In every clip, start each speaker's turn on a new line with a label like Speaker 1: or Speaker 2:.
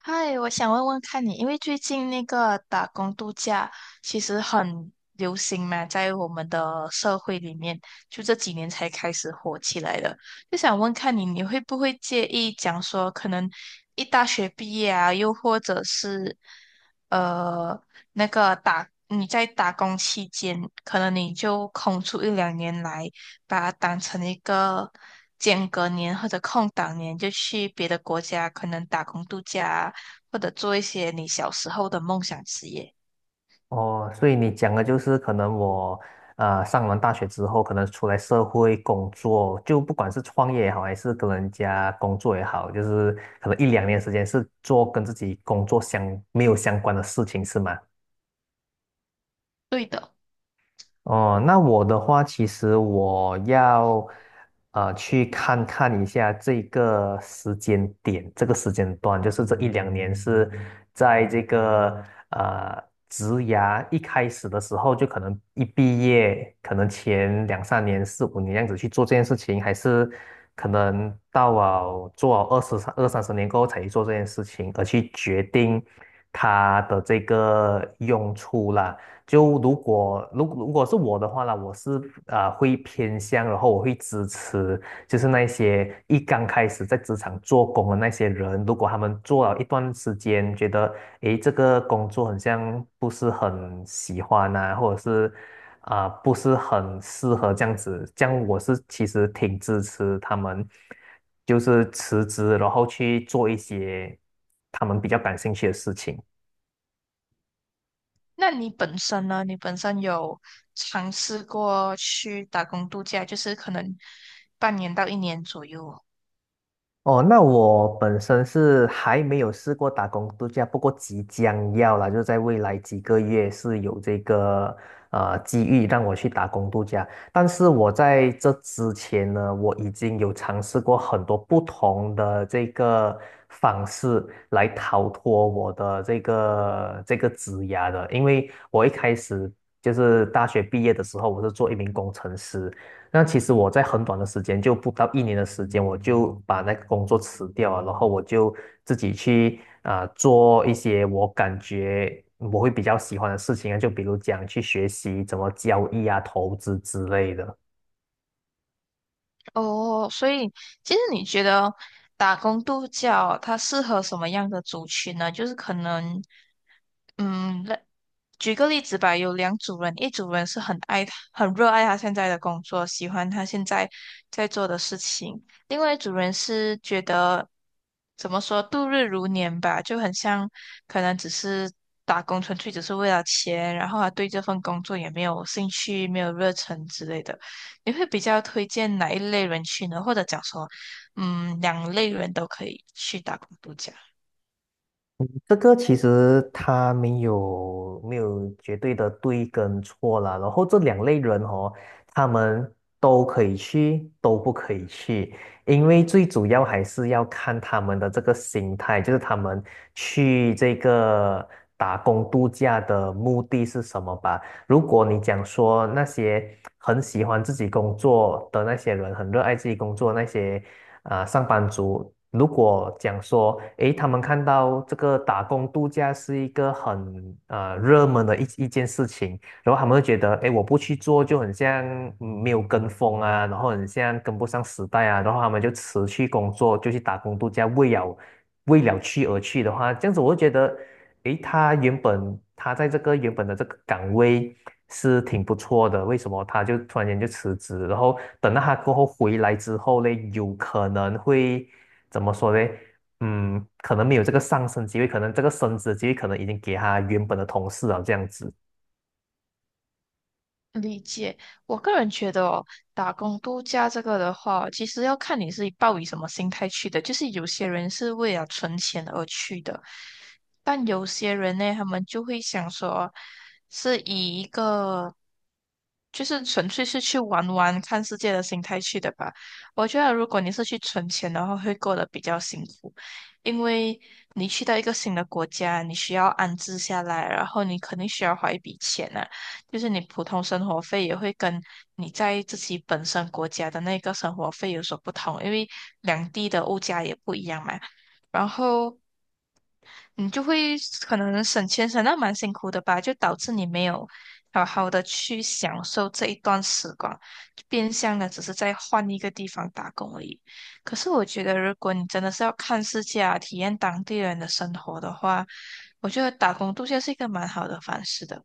Speaker 1: 嗨，我想问问看你，因为最近那个打工度假其实很流行嘛，在我们的社会里面，就这几年才开始火起来的。就想问看你，你会不会介意讲说，可能一大学毕业啊，又或者是呃那个打你在打工期间，可能你就空出一两年来，把它当成一个间隔年或者空档年，就去别的国家可能打工度假啊或者做一些你小时候的梦想职业。
Speaker 2: 哦，所以你讲的就是可能我上完大学之后，可能出来社会工作，就不管是创业也好，还是跟人家工作也好，就是可能一两年时间是做跟自己工作相没有相关的事情，是吗？
Speaker 1: 对的。
Speaker 2: 哦，那我的话，其实我要去看看一下这个时间点，这个时间段，就是这一两年是在这个呃职涯一开始的时候，就可能一毕业，可能前两三年、四五年这样子去做这件事情，还是可能到了做了二十三、二三十年过后才去做这件事情，而去决定它的这个用处啦。就如果是我的话啦，我是啊会偏向，然后我会支持，就是那些一刚开始在职场做工的那些人，如果他们做了一段时间，觉得诶这个工作很像不是很喜欢啊，或者是啊、不是很适合这样子，这样我是其实挺支持他们，就是辞职，然后去做一些他们比较感兴趣的事情。
Speaker 1: 那你本身呢？你本身有尝试过去打工度假，就是可能半年到一年左右。
Speaker 2: 哦，那我本身是还没有试过打工度假，不过即将要啦，就是在未来几个月是有这个机遇让我去打工度假。但是我在这之前呢，我已经有尝试过很多不同的这个方式来逃脱我的这个职涯的，因为我一开始就是大学毕业的时候，我是做一名工程师，那其实我在很短的时间，就不到一年的时间，我就把那个工作辞掉了，然后我就自己去啊、做一些我感觉我会比较喜欢的事情啊，就比如讲去学习怎么交易啊、投资之类的。
Speaker 1: 哦，所以其实你觉得打工度假它适合什么样的族群呢？就是可能，嗯，那举个例子吧，有两组人，一组人是很爱他、很热爱他现在的工作，喜欢他现在在做的事情；另外一组人是觉得怎么说度日如年吧，就很像可能只是打工，纯粹只是为了钱，然后他对这份工作也没有兴趣、没有热忱之类的。你会比较推荐哪一类人去呢？或者讲说，嗯，两类人都可以去打工度假。
Speaker 2: 这个其实他没有绝对的对跟错啦，然后这两类人哦，他们都可以去，都不可以去，因为最主要还是要看他们的这个心态，就是他们去这个打工度假的目的是什么吧。如果你讲说那些很喜欢自己工作的那些人，很热爱自己工作那些。啊、上班族，如果讲说，诶，他们看到这个打工度假是一个很热门的一件事情，然后他们就觉得，哎，我不去做就很像嗯没有跟风啊，然后很像跟不上时代啊，然后他们就辞去工作，就去打工度假，为了去而去的话，这样子我就觉得，哎，他原本他在这个原本的这个岗位是挺不错的，为什么他就突然间就辞职？然后等到他过后回来之后嘞，有可能会怎么说嘞？嗯，可能没有这个上升机会，可能这个升职机会可能已经给他原本的同事了，这样子。
Speaker 1: 理解。我个人觉得哦，打工度假这个的话，其实要看你是抱以什么心态去的。就是有些人是为了存钱而去的，但有些人呢，他们就会想说，是以一个就是纯粹是去玩玩、看世界的心态去的吧。我觉得如果你是去存钱的话，会过得比较辛苦，因为你去到一个新的国家，你需要安置下来，然后你肯定需要花一笔钱啊。就是你普通生活费也会跟你在自己本身国家的那个生活费有所不同，因为两地的物价也不一样嘛。然后你就会可能省钱省到蛮辛苦的吧，就导致你没有好好的去享受这一段时光，就变相的只是在换一个地方打工而已。可是我觉得，如果你真的是要看世界啊，体验当地人的生活的话，我觉得打工度假是一个蛮好的方式的。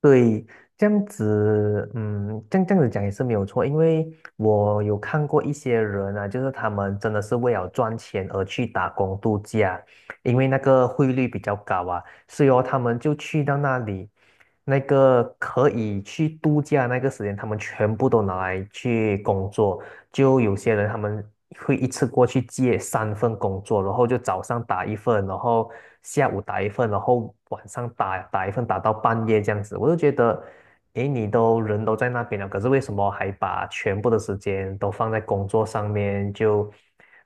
Speaker 2: 对，这样子，嗯，这样子讲也是没有错，因为我有看过一些人啊，就是他们真的是为了赚钱而去打工度假，因为那个汇率比较高啊，所以哦他们就去到那里，那个可以去度假那个时间，他们全部都拿来去工作，就有些人他们会一次过去接三份工作，然后就早上打一份，然后下午打一份，然后晚上打一份，打到半夜这样子。我就觉得，诶，你都人都在那边了，可是为什么还把全部的时间都放在工作上面？就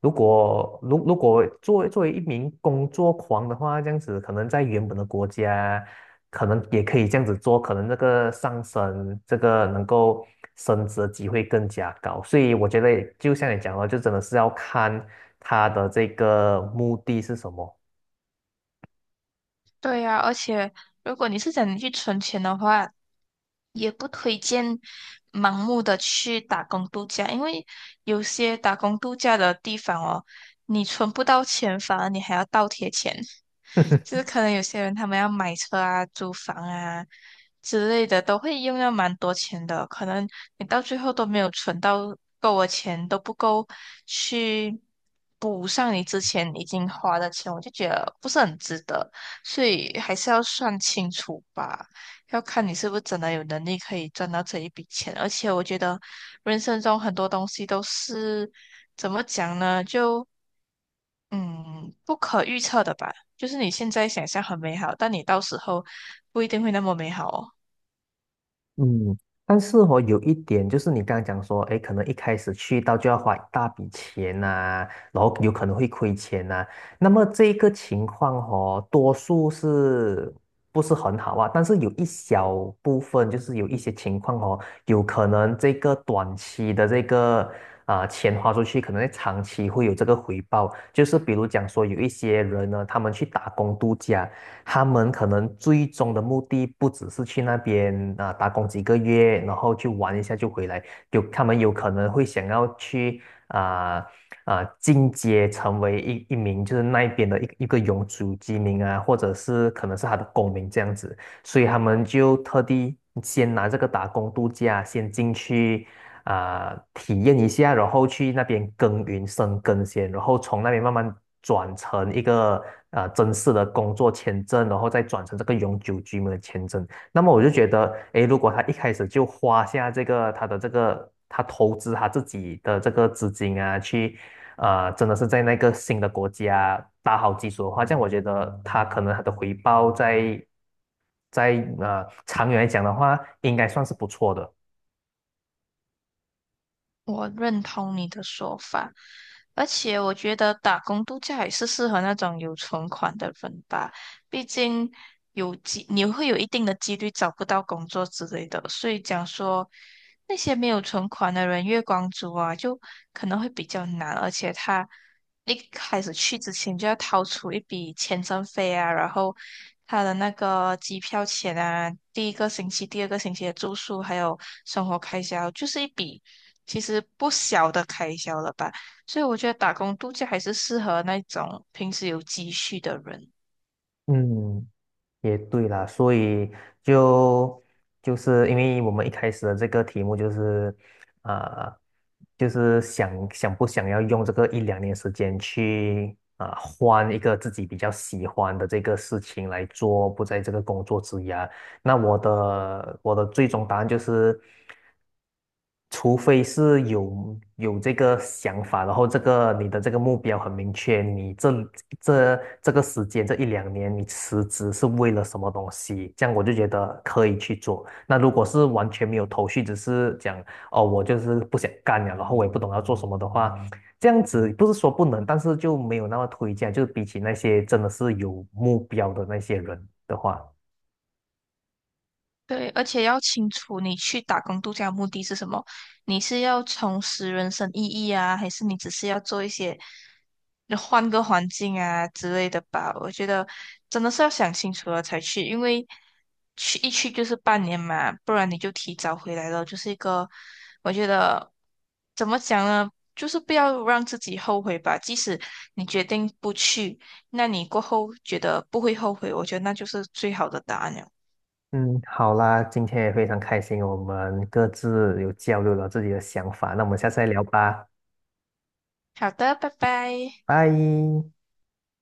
Speaker 2: 如果作为一名工作狂的话，这样子可能在原本的国家，可能也可以这样子做，可能那个上升，这个能够升职的机会更加高。所以我觉得，就像你讲的，就真的是要看他的这个目的是什么。
Speaker 1: 对呀，而且如果你是想你去存钱的话，也不推荐盲目的去打工度假，因为有些打工度假的地方哦，你存不到钱，反而你还要倒贴钱。就 是可能有些人他们要买车啊、租房啊之类的，都会用到蛮多钱的。可能你到最后都没有存到够的钱，都不够去补上你之前已经花的钱，我就觉得不是很值得。所以还是要算清楚吧，要看你是不是真的有能力可以赚到这一笔钱。而且我觉得人生中很多东西都是怎么讲呢？就嗯，不可预测的吧，就是你现在想象很美好，但你到时候不一定会那么美好哦。
Speaker 2: 嗯，但是哦，有一点就是你刚刚讲说，哎，可能一开始去到就要花一大笔钱呐、然后有可能会亏钱呐、那么这一个情况哦，多数是不是很好啊？但是有一小部分，就是有一些情况哦，有可能这个短期的这个啊、钱花出去，可能在长期会有这个回报。就是比如讲说，有一些人呢，他们去打工度假。他们可能最终的目的不只是去那边啊、打工几个月，然后去玩一下就回来，他们有可能会想要去啊啊、进阶成为一名就是那边的一个永久居民啊，或者是可能是他的公民这样子，所以他们就特地先拿这个打工度假先进去啊、体验一下，然后去那边耕耘生根先，然后从那边慢慢转成一个正式的工作签证，然后再转成这个永久居民的签证。那么我就觉得，诶，如果他一开始就花下这个他的这个他投资他自己的这个资金啊，去真的是在那个新的国家打好基础的话，这样我觉得他可能他的回报在在长远来讲的话，应该算是不错的。
Speaker 1: 我认同你的说法，而且我觉得打工度假也是适合那种有存款的人吧，毕竟有几你会有一定的几率找不到工作之类的，所以讲说那些没有存款的人，月光族啊，就可能会比较难，而且他。一开始去之前就要掏出一笔签证费啊，然后他的那个机票钱啊，第一个星期、第二个星期的住宿，还有生活开销，就是一笔其实不小的开销了吧。所以我觉得打工度假还是适合那种平时有积蓄的人。
Speaker 2: 嗯。也对啦，所以就就是因为我们一开始的这个题目就是，呃，就是想不想要用这个一两年时间去啊、换一个自己比较喜欢的这个事情来做，不在这个工作之涯。那我的最终答案就是。除非是有这个想法，然后这个你的这个目标很明确，你这个时间这一两年你辞职是为了什么东西，这样我就觉得可以去做。那如果是完全没有头绪，只是讲哦我就是不想干了，然后我也不懂要做什么的话，这样子不是说不能，但是就没有那么推荐，就是比起那些真的是有目标的那些人的话。
Speaker 1: 对，而且要清楚你去打工度假的目的是什么？你是要重拾人生意义啊，还是你只是要做一些换个环境啊之类的吧？我觉得真的是要想清楚了才去，因为去一去就是半年嘛，不然你就提早回来了，就是一个我觉得怎么讲呢？就是不要让自己后悔吧。即使你决定不去，那你过后觉得不会后悔，我觉得那就是最好的答案了。
Speaker 2: 嗯，好啦，今天也非常开心，我们各自有交流了自己的想法，那我们下次再聊吧，
Speaker 1: 好的，拜拜。
Speaker 2: 拜。